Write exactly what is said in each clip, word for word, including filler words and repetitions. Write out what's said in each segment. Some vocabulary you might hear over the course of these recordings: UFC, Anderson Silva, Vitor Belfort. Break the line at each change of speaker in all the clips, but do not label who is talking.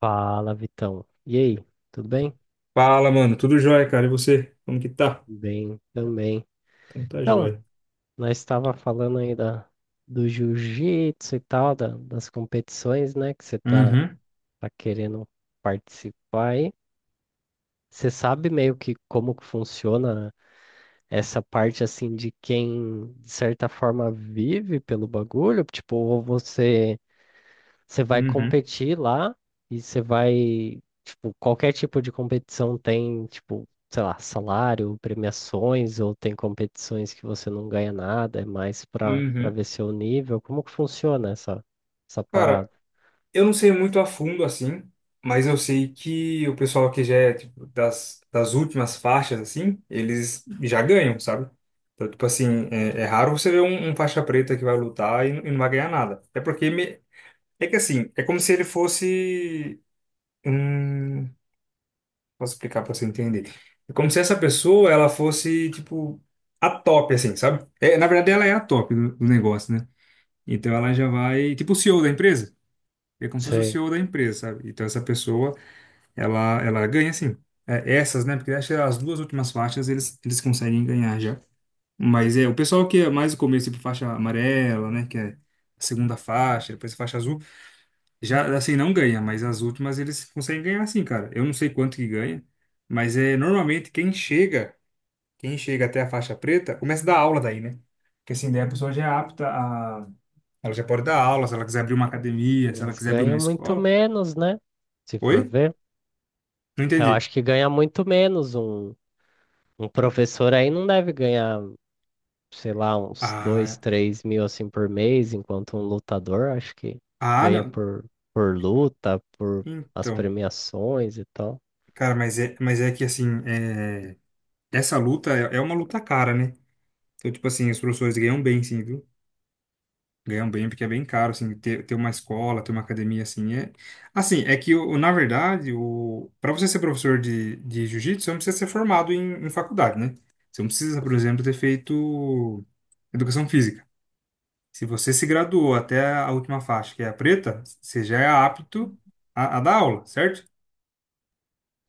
Fala, Vitão. E aí, tudo bem?
Fala, mano. Tudo jóia, cara. E você? Como que tá?
Bem também.
Então tá
Então,
jóia.
nós estava falando aí da, do jiu-jitsu e tal, da- das competições, né, que você tá,
Uhum,
tá querendo participar aí. Você sabe meio que como que funciona essa parte, assim, de quem, de certa forma, vive pelo bagulho? Tipo, ou você Você vai
uhum,
competir lá e você vai, tipo, qualquer tipo de competição tem, tipo, sei lá, salário, premiações, ou tem competições que você não ganha nada, é mais para para
uhum.
ver seu nível. Como que funciona essa, essa
Cara,
parada?
eu não sei muito a fundo assim, mas eu sei que o pessoal que já é tipo, das, das últimas faixas, assim, eles já ganham, sabe? Então, tipo assim, é, é raro você ver um, um faixa preta que vai lutar e, não- e não vai ganhar nada. É porque me- é que assim, é como se ele fosse. Hum. Posso explicar para você entender? É como se essa pessoa ela fosse tipo a top, assim, sabe? É, na verdade, ela é a top do, do negócio, né? Então ela já vai, tipo o C E O da empresa. É como se fosse o
Sei.
C E O da empresa, sabe? Então essa pessoa ela ela ganha assim. É, essas, né? Porque acho que as duas últimas faixas eles eles conseguem ganhar já. Mas é o pessoal que é mais o começo, tipo faixa amarela, né? Que é a segunda faixa, depois a faixa azul. Já, assim, não ganha, mas as últimas eles conseguem ganhar sim, cara. Eu não sei quanto que ganha, mas é normalmente quem chega, quem chega até a faixa preta, começa a dar aula daí, né? Porque assim, daí a pessoa já é apta a... Ela já pode dar aula, se ela quiser abrir uma academia, se ela
Mas
quiser abrir uma
ganha muito
escola.
menos, né? Se
Oi?
for ver.
Não
Eu
entendi.
acho que ganha muito menos. Um, um professor aí não deve ganhar. Sei lá, uns dois,
Ah,
três mil assim por mês, enquanto um lutador acho que
ah,
ganha
não.
por, por luta, por as
Então,
premiações e tal.
cara, mas é, mas é que assim, é... essa luta é, é uma luta cara, né? Então, tipo assim, os professores ganham bem, sim, viu? Ganham bem porque é bem caro, assim, ter, ter uma escola, ter uma academia, assim, é... Assim, é que, o, na verdade, o... para você ser professor de, de jiu-jitsu, você não precisa ser formado em, em faculdade, né? Você não precisa, por exemplo, ter feito educação física. Se você se graduou até a última faixa, que é a preta, você já é apto a, a dar aula, certo?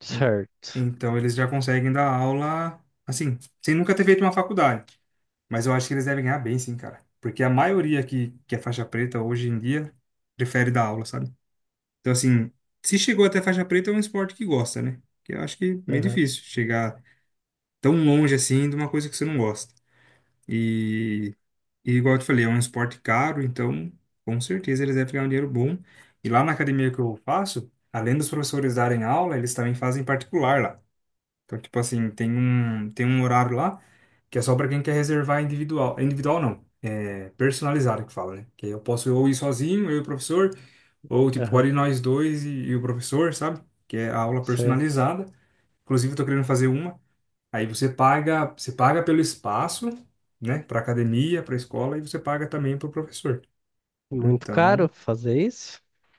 Certo.
Então, eles já conseguem dar aula, assim, sem nunca ter feito uma faculdade. Mas eu acho que eles devem ganhar bem, sim, cara. Porque a maioria que, que é faixa preta hoje em dia prefere dar aula, sabe? Então, assim, se chegou até faixa preta, é um esporte que gosta, né? Que eu acho que é meio
Aham,
difícil chegar tão longe assim de uma coisa que você não gosta. E, e igual eu te falei, é um esporte caro, então com certeza eles devem ganhar um dinheiro bom. E lá na academia que eu faço, além dos professores darem aula, eles também fazem particular lá. Então, tipo assim, tem um, tem um horário lá que é só para quem quer reservar individual. Individual não, é personalizado que fala, né? Que aí eu posso ou ir sozinho, eu e o professor, ou tipo, pode
aham.
ir nós dois e, e o professor, sabe? Que é a aula
Sei.
personalizada. Inclusive, eu tô querendo fazer uma. Aí você paga, você paga pelo espaço, né? Pra academia, pra escola, e você paga também pro professor.
Muito
Então,
caro fazer isso?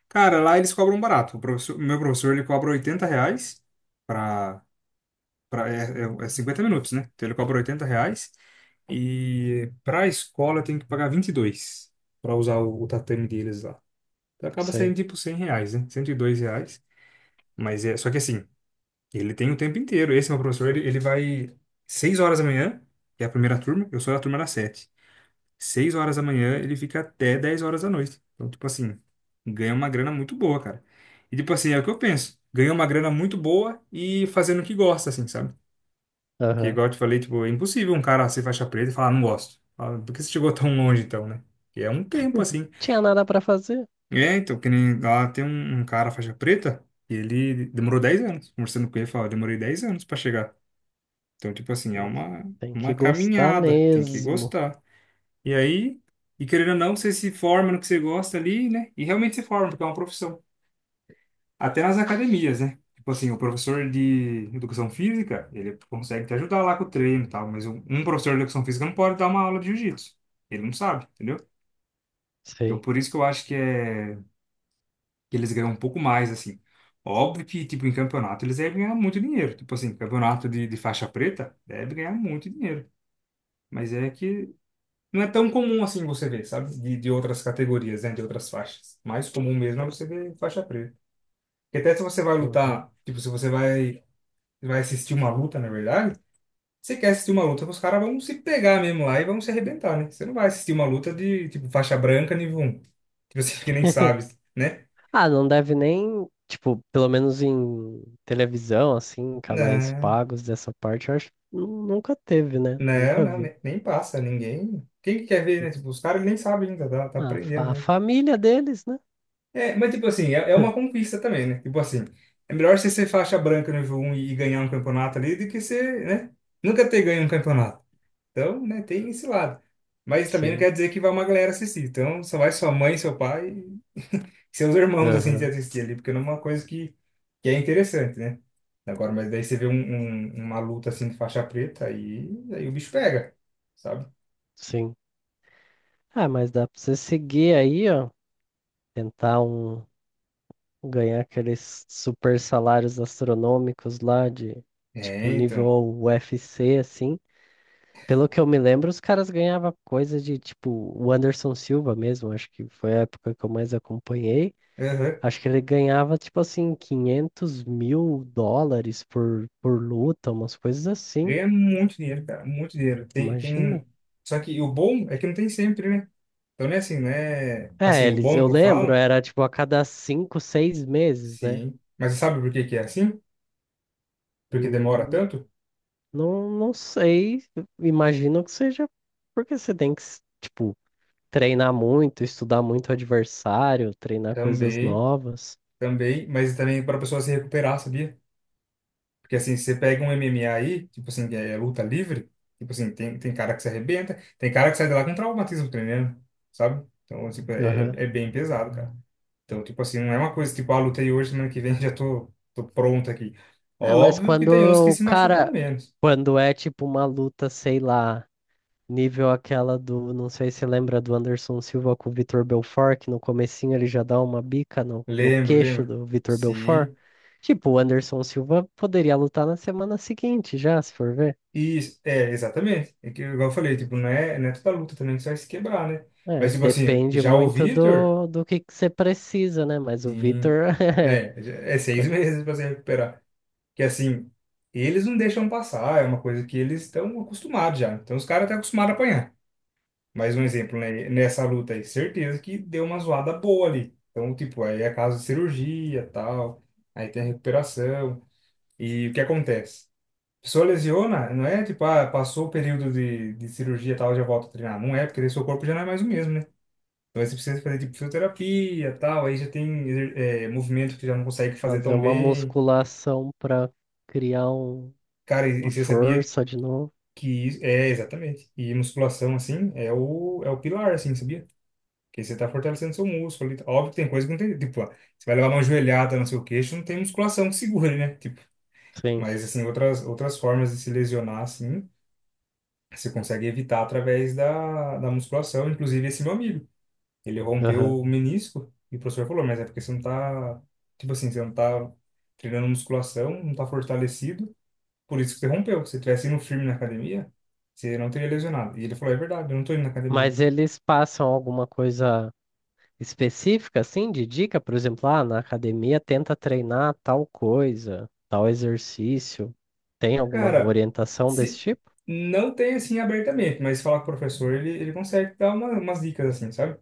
cara, lá eles cobram barato. O professor, o meu professor, ele cobra oitenta reais pra, é, é, é cinquenta minutos, né? Então ele cobra oitenta reais. E para a escola tem que pagar vinte e dois para usar o, o tatame deles lá. Então acaba
Sei.
saindo tipo cem reais, né? Cento e dois reais. Mas é, só que assim, ele tem o tempo inteiro. Esse meu professor, ele, ele vai seis horas da manhã, que é a primeira turma, eu sou da turma das sete, seis horas da manhã, ele fica até dez horas da noite. Então, tipo assim, ganha uma grana muito boa, cara. E tipo assim, é o que eu penso. Ganha uma grana muito boa e fazendo o que gosta, assim, sabe? Que
Aham.
igual eu te falei, tipo, é impossível um cara ser faixa preta e falar, não gosto. Fala, por que você chegou tão longe então, né? Que é um tempo assim.
Tinha nada pra fazer.
É, então, que nem lá tem um, um cara faixa preta e ele demorou dez anos. Conversando com ele, fala, demorei dez anos pra chegar. Então, tipo assim, é
Tem que,
uma,
tem
uma
que gostar
caminhada, tem que
mesmo.
gostar. E aí, e querendo ou não, você se forma no que você gosta ali, né? E realmente se forma, porque é uma profissão. Até nas academias, né? Tipo assim, o professor de educação física, ele consegue te ajudar lá com o treino e tal, mas um um professor de educação física não pode dar uma aula de jiu-jitsu. Ele não sabe, entendeu? Então,
Sei.
por isso que eu acho que é que eles ganham um pouco mais, assim. Óbvio que, tipo, em campeonato eles devem ganhar muito dinheiro. Tipo assim, campeonato de, de faixa preta deve ganhar muito dinheiro. Mas é que não é tão comum assim você ver, sabe? De, de outras categorias, né? De outras faixas. Mais comum mesmo é você ver faixa preta. Porque até se você vai
Uhum.
lutar, tipo, se você vai vai assistir uma luta, na verdade, você quer assistir uma luta que os caras vão se pegar mesmo lá e vão se arrebentar, né? Você não vai assistir uma luta de, tipo, faixa branca nível um. Tipo assim, que nem sabe, né?
Ah, não deve nem, tipo, pelo menos em televisão, assim, em canais
Não,
pagos dessa parte, eu acho, nu- nunca teve, né?
não,
Nunca
não,
vi.
ne- nem, passa, ninguém... Quem que quer ver, né? Tipo, os caras nem sabem ainda, tá, tá
A,
aprendendo,
fa- a
né?
família deles, né?
É, mas tipo assim, é, é uma conquista também, né? Tipo assim, é melhor você ser faixa branca nível um e, e ganhar um campeonato ali do que você, né? Nunca ter ganho um campeonato. Então, né, tem esse lado. Mas também não
Sim,
quer dizer que vai uma galera assistir. Então, só vai sua mãe, seu pai e seus irmãos, assim, te
aham,
assistir ali, porque não é uma coisa que, que é interessante, né? Agora, mas daí você vê um, um- uma luta, assim, de faixa preta, aí, aí o bicho pega, sabe?
sim. Ah, mas dá pra você seguir aí, ó. Tentar um, ganhar aqueles super salários astronômicos lá de, tipo,
É,
nível
então.
U F C, assim. Pelo que eu me lembro, os caras ganhavam coisa de, tipo, o Anderson Silva mesmo. Acho que foi a época que eu mais acompanhei.
Aham.
Acho que ele ganhava, tipo assim, quinhentos mil dólares por, por luta, umas coisas assim.
Ganha muito dinheiro, cara, muito dinheiro. Tem,
Imagina.
tem... Só que o bom é que não tem sempre, né? Então, não é assim, né? Assim,
É,
o
eles,
bom
eu
que eu
lembro,
falo,
era tipo a cada cinco, seis meses, né?
sim. Mas você sabe por que que é assim? Porque demora
Hum,
tanto?
não, não sei, imagino que seja porque você tem que, s- tipo, treinar muito, estudar muito o adversário, treinar coisas
Também.
novas.
Também, mas também para a pessoa se recuperar, sabia? Porque assim, você pega um M M A aí, tipo assim, que é luta livre, tipo assim, tem, tem cara que se arrebenta, tem cara que sai de lá com traumatismo tremendo, sabe? Então, tipo, é,
Aham.
é é bem pesado, cara. Então, tipo assim, não é uma coisa tipo, ah, lutei hoje, semana que vem já tô, tô pronto aqui.
Ah, mas
Óbvio que
quando
tem uns que
o
se machucam
cara,
menos.
quando é tipo uma luta, sei lá. Nível aquela do, não sei se lembra do Anderson Silva com o Vitor Belfort, que no comecinho ele já dá uma bica no, no
Lembro,
queixo
lembro.
do Vitor Belfort.
Sim.
Tipo, o Anderson Silva poderia lutar na semana seguinte já, se for ver.
Isso, é, exatamente. É que, igual eu falei, tipo, não é, não é toda luta também que você vai se quebrar, né?
É,
Mas, tipo assim,
depende
já o
muito
Vitor.
do, do que que você precisa, né? Mas o
Sim.
Vitor é,
É, é
co-
seis meses para se recuperar. Que assim, eles não deixam passar, é uma coisa que eles estão acostumados já. Então os caras estão acostumados a apanhar. Mais um exemplo, né? Nessa luta aí, certeza que deu uma zoada boa ali. Então, tipo, aí é caso de cirurgia, tal. Aí tem a recuperação. E o que acontece? A pessoa lesiona, não é tipo, ah, passou o período de, de cirurgia, tal, já volta a treinar. Não é, porque daí seu corpo já não é mais o mesmo, né? Então aí você precisa fazer tipo fisioterapia, e tal, aí já tem exer- é, movimento que já não consegue fazer
fazer
tão
uma
bem.
musculação pra criar um-
Cara, e,
uma
e você sabia
força de novo.
que isso, é exatamente. E musculação assim é o é o pilar assim, sabia? Que aí você tá fortalecendo seu músculo ali. Óbvio que tem coisa que não tem, tipo, ó, você vai levar uma joelhada no seu queixo, não tem musculação que segure, né? Tipo,
Sim,
mas assim, outras outras formas de se lesionar assim, você consegue evitar através da da musculação, inclusive esse meu amigo. Ele
aham.
rompeu o menisco e o professor falou, mas é porque você não tá, tipo assim, você não tá treinando musculação, não tá fortalecido, por isso que você rompeu. Se você tivesse indo firme na academia, você não teria lesionado. E ele falou, é verdade, eu não tô indo na academia.
Mas eles passam alguma coisa específica, assim, de dica? Por exemplo, ah, na academia tenta treinar tal coisa, tal exercício. Tem alguma
Cara,
orientação desse
se
tipo?
não tem assim abertamente, mas falar com o professor, ele, ele consegue dar uma, umas dicas assim, sabe?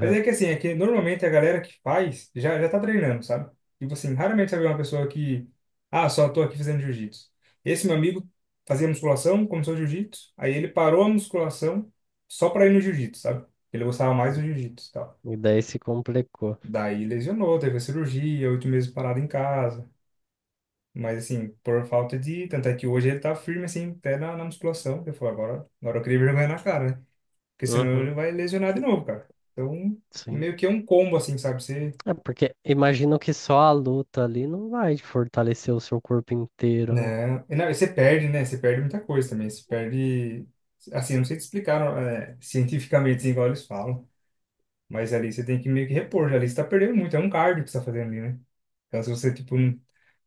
Mas é que assim, é que normalmente a galera que faz já, já tá treinando, sabe? Tipo assim, raramente você vê uma pessoa que, ah, só tô aqui fazendo jiu-jitsu. Esse meu amigo fazia musculação, começou o jiu-jitsu, aí ele parou a musculação só pra ir no jiu-jitsu, sabe? Ele gostava mais do jiu-jitsu e tal.
E daí se complicou.
Daí lesionou, teve a cirurgia, oito meses parado em casa. Mas assim, por falta de. Tanto é que hoje ele tá firme, assim, até na, na musculação. Eu falo, agora, agora eu queria vergonha na cara, né? Porque senão
Uhum,
ele vai lesionar de novo, cara. Então,
sim.
meio que é um combo, assim, sabe? Você
É porque imagino que só a luta ali não vai fortalecer o seu corpo inteiro, né?
não, e não, e você perde, né? Você perde muita coisa também. Você perde. Assim, eu não sei te explicar é, cientificamente, assim, igual eles falam. Mas ali você tem que meio que repor. Ali você tá perdendo muito. É um cardio que você tá fazendo ali, né? Então, se você, tipo, não,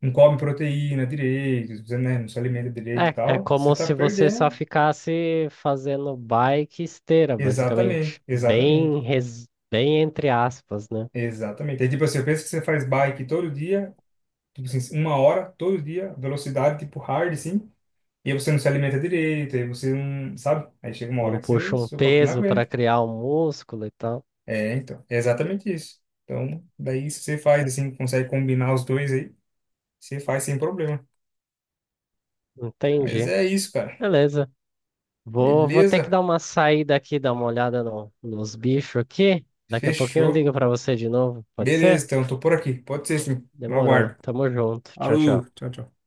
não come proteína direito, você, né, não se alimenta direito e
É, é
tal, você
como
tá
se você só
perdendo.
ficasse fazendo bike e esteira,
Exatamente,
basicamente.
exatamente,
Bem, res... Bem entre aspas, né?
exatamente. Aí, tipo assim, eu penso que você faz bike todo dia, tipo assim, uma hora, todo dia, velocidade, tipo, hard, assim. E aí você não se alimenta direito, aí você não, sabe? Aí chega uma hora
Não
que você,
puxa um
seu corpo não
peso para
aguenta.
criar um músculo e tal.
É, então, é exatamente isso. Então, daí se você faz assim, consegue combinar os dois aí, você faz sem problema. Mas
Entendi.
é isso, cara.
Beleza. Vou, vou ter que
Beleza?
dar uma saída aqui, dar uma olhada no- nos bichos aqui. Daqui a pouquinho eu
Fechou.
ligo pra você de novo, pode
Beleza,
ser?
então, tô por aqui. Pode ser sim. Eu
Demorou.
aguardo.
Tamo junto. Tchau,
Alô,
tchau.
tchau, tchau.